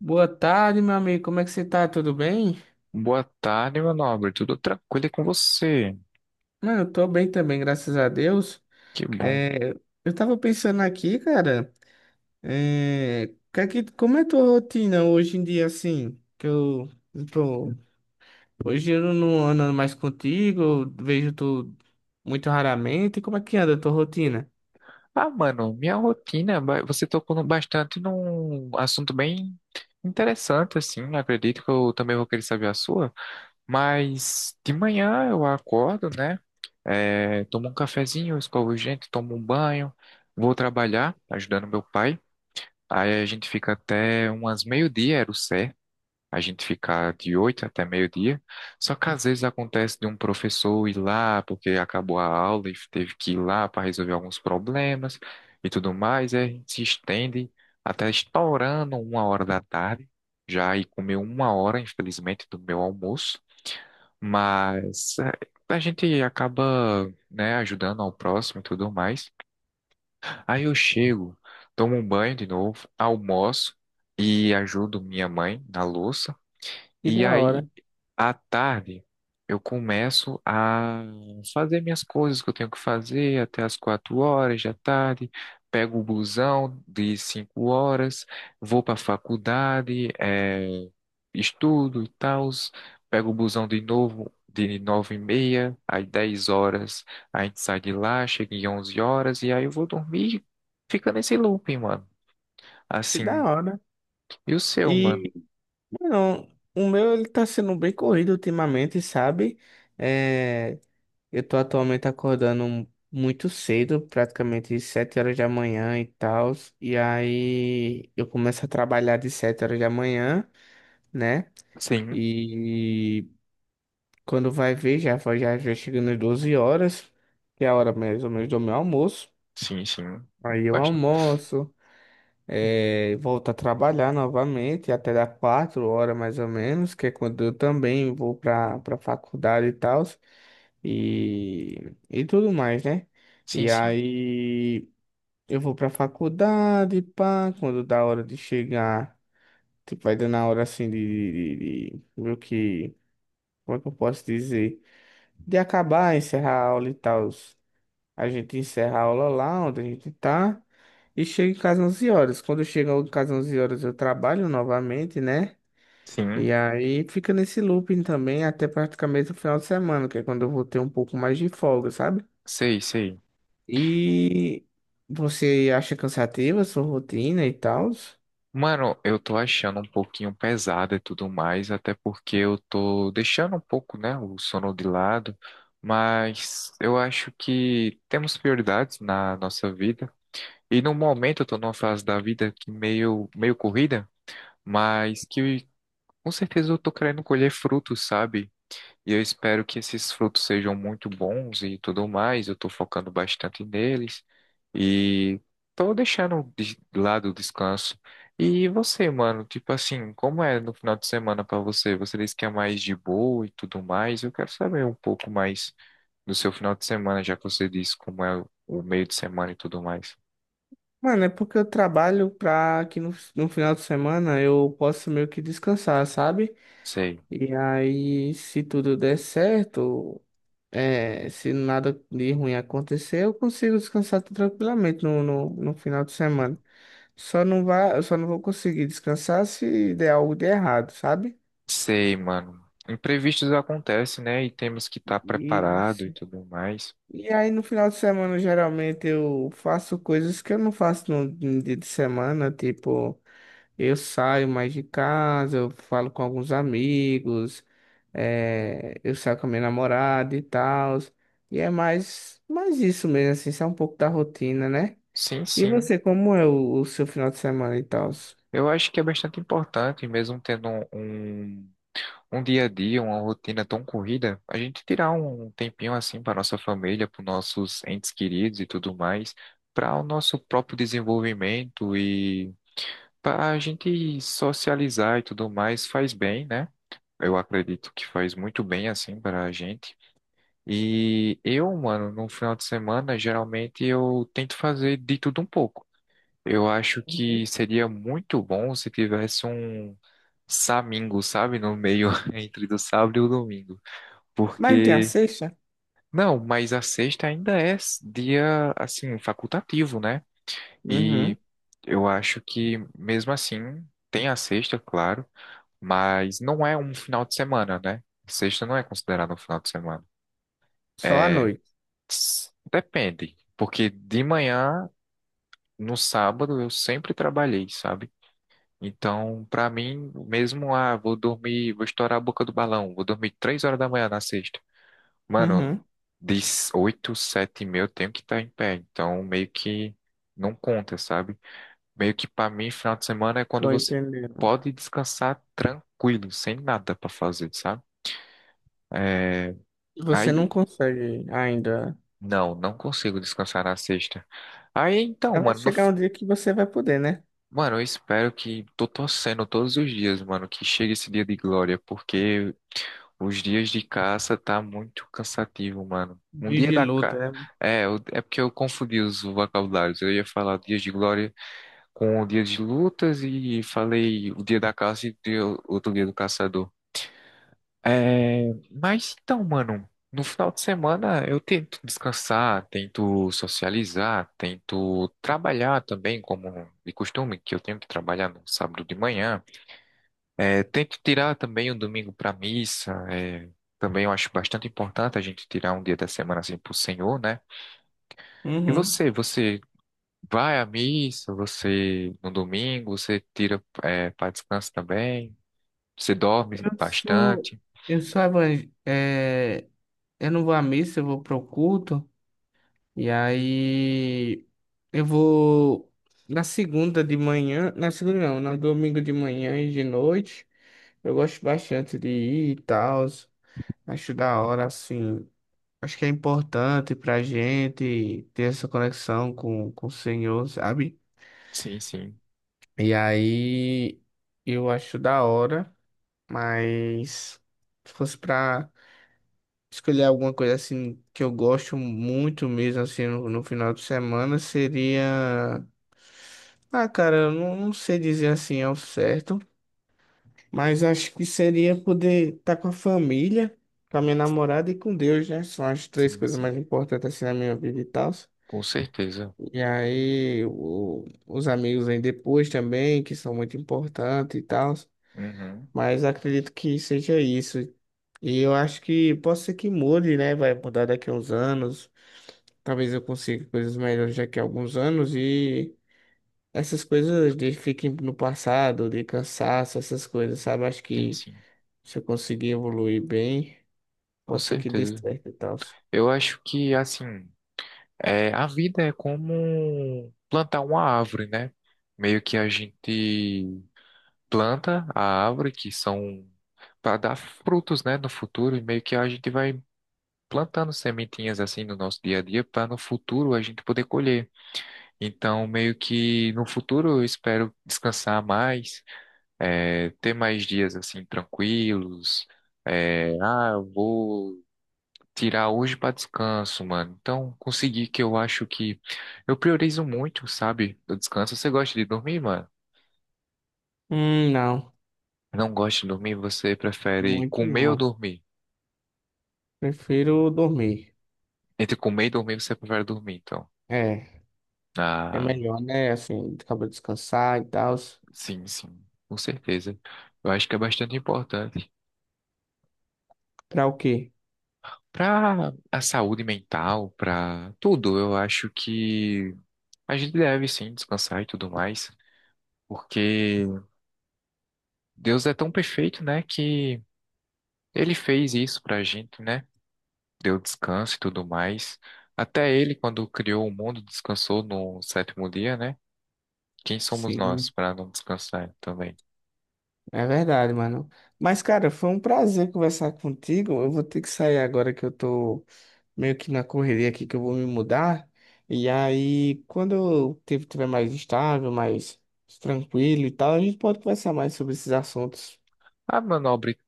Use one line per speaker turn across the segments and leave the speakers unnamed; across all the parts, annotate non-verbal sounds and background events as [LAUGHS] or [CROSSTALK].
Boa tarde, meu amigo. Como é que você tá? Tudo bem?
Boa tarde, meu nobre. Tudo tranquilo e com você?
Mano, eu tô bem também, graças a Deus.
Que bom.
É, eu tava pensando aqui, cara, é, que é como é a tua rotina hoje em dia, assim? Tô, Hoje eu não ando mais contigo, eu vejo tu muito raramente. Como é que anda a tua rotina?
Ah, mano, minha rotina, ba- você tocou no- bastante num assunto bem interessante, assim, né? Acredito que eu também vou querer saber a sua. Mas de manhã eu acordo, né? É, tomo um cafezinho, escovo os dentes, tomo um banho, vou trabalhar ajudando meu pai. Aí a gente fica até umas meio-dia, era o certo. A gente ficar de 8 até meio-dia. Só que às vezes acontece de um professor ir lá porque acabou a aula e teve que ir lá para resolver alguns problemas e tudo mais, e a gente se estende até estourando 1 hora da tarde, já e comeu 1 hora, infelizmente, do meu almoço, mas a gente acaba, né, ajudando ao próximo e tudo mais. Aí eu chego, tomo um banho de novo, almoço e ajudo minha mãe na louça.
Que
E
da
aí
hora,
à tarde, eu começo a fazer minhas coisas que eu tenho que fazer até as 4 horas da tarde. Pego o busão de 5 horas, vou para a faculdade, estudo e tal. Pego o busão de novo de 9h30, às 10 horas a gente sai de lá, chega em 11 horas e aí eu vou dormir. Fica nesse looping, mano.
que da
Assim.
hora.
E o seu, mano?
E, não, o meu ele tá sendo bem corrido ultimamente, sabe? É, eu tô atualmente acordando muito cedo, praticamente 7 horas da manhã e tal. E aí eu começo a trabalhar de 7 horas da manhã, né?
Sim,
E quando vai ver, já chegando às 12 horas, que é a hora mais ou menos do meu almoço.
sim, sim.
Aí eu
Bast-
almoço. Eh, volto a trabalhar novamente até dar 4 horas mais ou menos, que é quando eu também vou para faculdade e tal, e tudo mais, né?
Sim,
E
sim.
aí eu vou para faculdade, pá, quando dá hora de chegar, tipo, vai dando a hora assim de meio que, como é que eu posso dizer? De acabar, encerrar a aula e tal. A gente encerra a aula lá onde a gente tá e chega em casa 11 horas. Quando eu chego em casa 11 horas, eu trabalho novamente, né?
Sim.
E aí fica nesse looping também até praticamente o final de semana, que é quando eu vou ter um pouco mais de folga, sabe?
Sei, sei.
E você acha cansativa a sua rotina e tal?
Mano, eu tô achando um pouquinho pesado e tudo mais, até porque eu tô deixando um pouco, né, o sono de lado, mas eu acho que temos prioridades na nossa vida. E no momento eu tô numa fase da vida que meio corrida, mas que com certeza eu tô querendo colher frutos, sabe? E eu espero que esses frutos sejam muito bons e tudo mais. Eu estou focando bastante neles e estou deixando de lado o descanso. E você, mano, tipo assim, como é no final de semana para você? Você disse que é mais de boa e tudo mais. Eu quero saber um pouco mais do seu final de semana, já que você disse como é o meio de semana e tudo mais.
Mano, é porque eu trabalho pra que no final de semana eu possa meio que descansar, sabe?
Sei,
E aí, se tudo der certo. É, se nada de ruim acontecer, eu consigo descansar tranquilamente no final de semana. Só não vá, Eu só não vou conseguir descansar se der algo de errado, sabe?
sei, mano. Imprevistos acontecem, né? E temos que estar
E,
preparado e tudo mais.
e aí no final de semana, geralmente, eu faço coisas que eu não faço no dia de semana, tipo, eu saio mais de casa, eu falo com alguns amigos, é, eu saio com a minha namorada e tal. E é mais isso mesmo, assim, isso é um pouco da rotina, né?
Sim,
E
sim.
você, como é o seu final de semana e tal?
Eu acho que é bastante importante, mesmo tendo um dia a dia, uma rotina tão corrida, a gente tirar um tempinho assim para nossa família, para nossos entes queridos e tudo mais, para o nosso próprio desenvolvimento e para a gente socializar e tudo mais, faz bem, né? Eu acredito que faz muito bem assim para a gente. E eu, mano, no final de semana, geralmente eu tento fazer de tudo um pouco. Eu acho que
Uhum.
seria muito bom se tivesse um Samingo, sabe? No meio [LAUGHS] entre do sábado e o domingo.
Mas não tem a
Porque,
sexta?
não, mas a sexta ainda é dia, assim, facultativo, né?
Uhum.
E eu acho que, mesmo assim, tem a sexta, claro, mas não é um final de semana, né? Sexta não é considerada um final de semana.
Só à
É,
noite.
depende. Porque de manhã, no sábado, eu sempre trabalhei, sabe? Então, pra mim, mesmo, ah, vou dormir, vou estourar a boca do balão, vou dormir 3 horas da manhã na sexta. Mano,
Uhum.
de 8, 7h30 eu tenho que estar em pé, então meio que não conta, sabe? Meio que pra mim, final de semana é quando
Tô
você
entendendo.
pode descansar tranquilo, sem nada pra fazer, sabe? É,
Você não
aí,
consegue ainda.
não, não consigo descansar na sexta. Aí, então,
Mas vai
mano, no,
chegar um dia que você vai poder, né?
Mano, eu espero que tô torcendo todos os dias, mano, que chegue esse dia de glória, porque os dias de caça tá muito cansativo, mano. Um
Dias
dia
de
da
luta,
ca...
né?
É, é porque eu confundi os vocabulários. Eu ia falar dias de glória com o dia de lutas e falei o dia da caça e outro dia do caçador. É, mas então, mano, no final de semana eu tento descansar, tento socializar, tento trabalhar também, como de costume, que eu tenho que trabalhar no sábado de manhã. É, tento tirar também o domingo para missa. É, também eu acho bastante importante a gente tirar um dia da semana assim pro Senhor, né? E
Uhum.
você, você vai à missa, você no domingo, você tira para descanso também, você dorme
Eu sou.
bastante.
Eu sou evangélico. Eu não vou à missa, eu vou pro culto. E aí. Eu vou. Na segunda de manhã. Na segunda não, Na domingo de manhã e de noite. Eu gosto bastante de ir e tal. Acho da hora, assim. Acho que é importante pra gente ter essa conexão com o Senhor, sabe?
Sim, sim,
E aí eu acho da hora, mas se fosse pra escolher alguma coisa assim que eu gosto muito mesmo, assim, no final de semana, seria. Ah, cara, eu não, não sei dizer assim ao certo. Mas acho que seria poder estar com a família, com a minha namorada e com Deus, né? São as três
sim,
coisas
sim.
mais importantes assim na minha vida e tal.
Com certeza.
E aí, os amigos vêm depois também, que são muito importantes e tal.
Uhum.
Mas acredito que seja isso. E eu acho que pode ser que mude, né? Vai mudar daqui a uns anos. Talvez eu consiga coisas melhores daqui a alguns anos. E essas coisas de fiquem no passado, de cansaço, essas coisas, sabe? Acho
Sim,
que
sim,
se eu conseguir evoluir bem.
com
Pode ser que dê
certeza.
certo e tal.
Eu acho que, assim, a vida é como plantar uma árvore, né? Meio que a gente planta a árvore, que são para dar frutos, né, no futuro, e meio que a gente vai plantando sementinhas assim no nosso dia a dia para no futuro a gente poder colher. Então, meio que no futuro eu espero descansar mais, ter mais dias assim tranquilos. Eu vou tirar hoje para descanso, mano. Então, consegui que eu acho que eu priorizo muito, sabe, o descanso. Você gosta de dormir, mano?
Não.
Não gosta de dormir, você prefere
Muito
comer ou
não.
dormir?
Prefiro dormir.
Entre comer e dormir, você prefere dormir, então.
É. É
Ah,
melhor, né? Assim, acaba de descansar e tal.
sim, sim, com certeza. Eu acho que é bastante importante.
Pra o quê?
Para a saúde mental, para tudo, eu acho que a gente deve sim descansar e tudo mais, porque Deus é tão perfeito, né, que ele fez isso pra gente, né? Deu descanso e tudo mais. Até ele, quando criou o mundo, descansou no sétimo dia, né? Quem somos nós
Sim.
para não descansar também?
É verdade, mano. Mas, cara, foi um prazer conversar contigo. Eu vou ter que sair agora que eu tô meio que na correria aqui, que eu vou me mudar. E aí, quando eu tiver mais estável, mais tranquilo e tal, a gente pode conversar mais sobre esses assuntos.
Ah, meu nobre,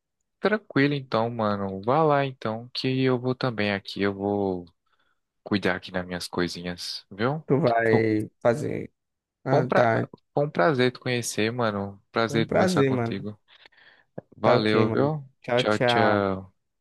tranquilo então, mano. Vá lá então, que eu vou também aqui, eu vou cuidar aqui das minhas coisinhas, viu?
Tu
Fo-
vai fazer.
Foi um,
Ah,
pra...
tá.
Foi um prazer te conhecer, mano.
Foi
Prazer
um
conversar
prazer, mano.
contigo.
Tá ok,
Valeu,
mano.
viu?
Tchau,
Tchau, tchau.
tchau.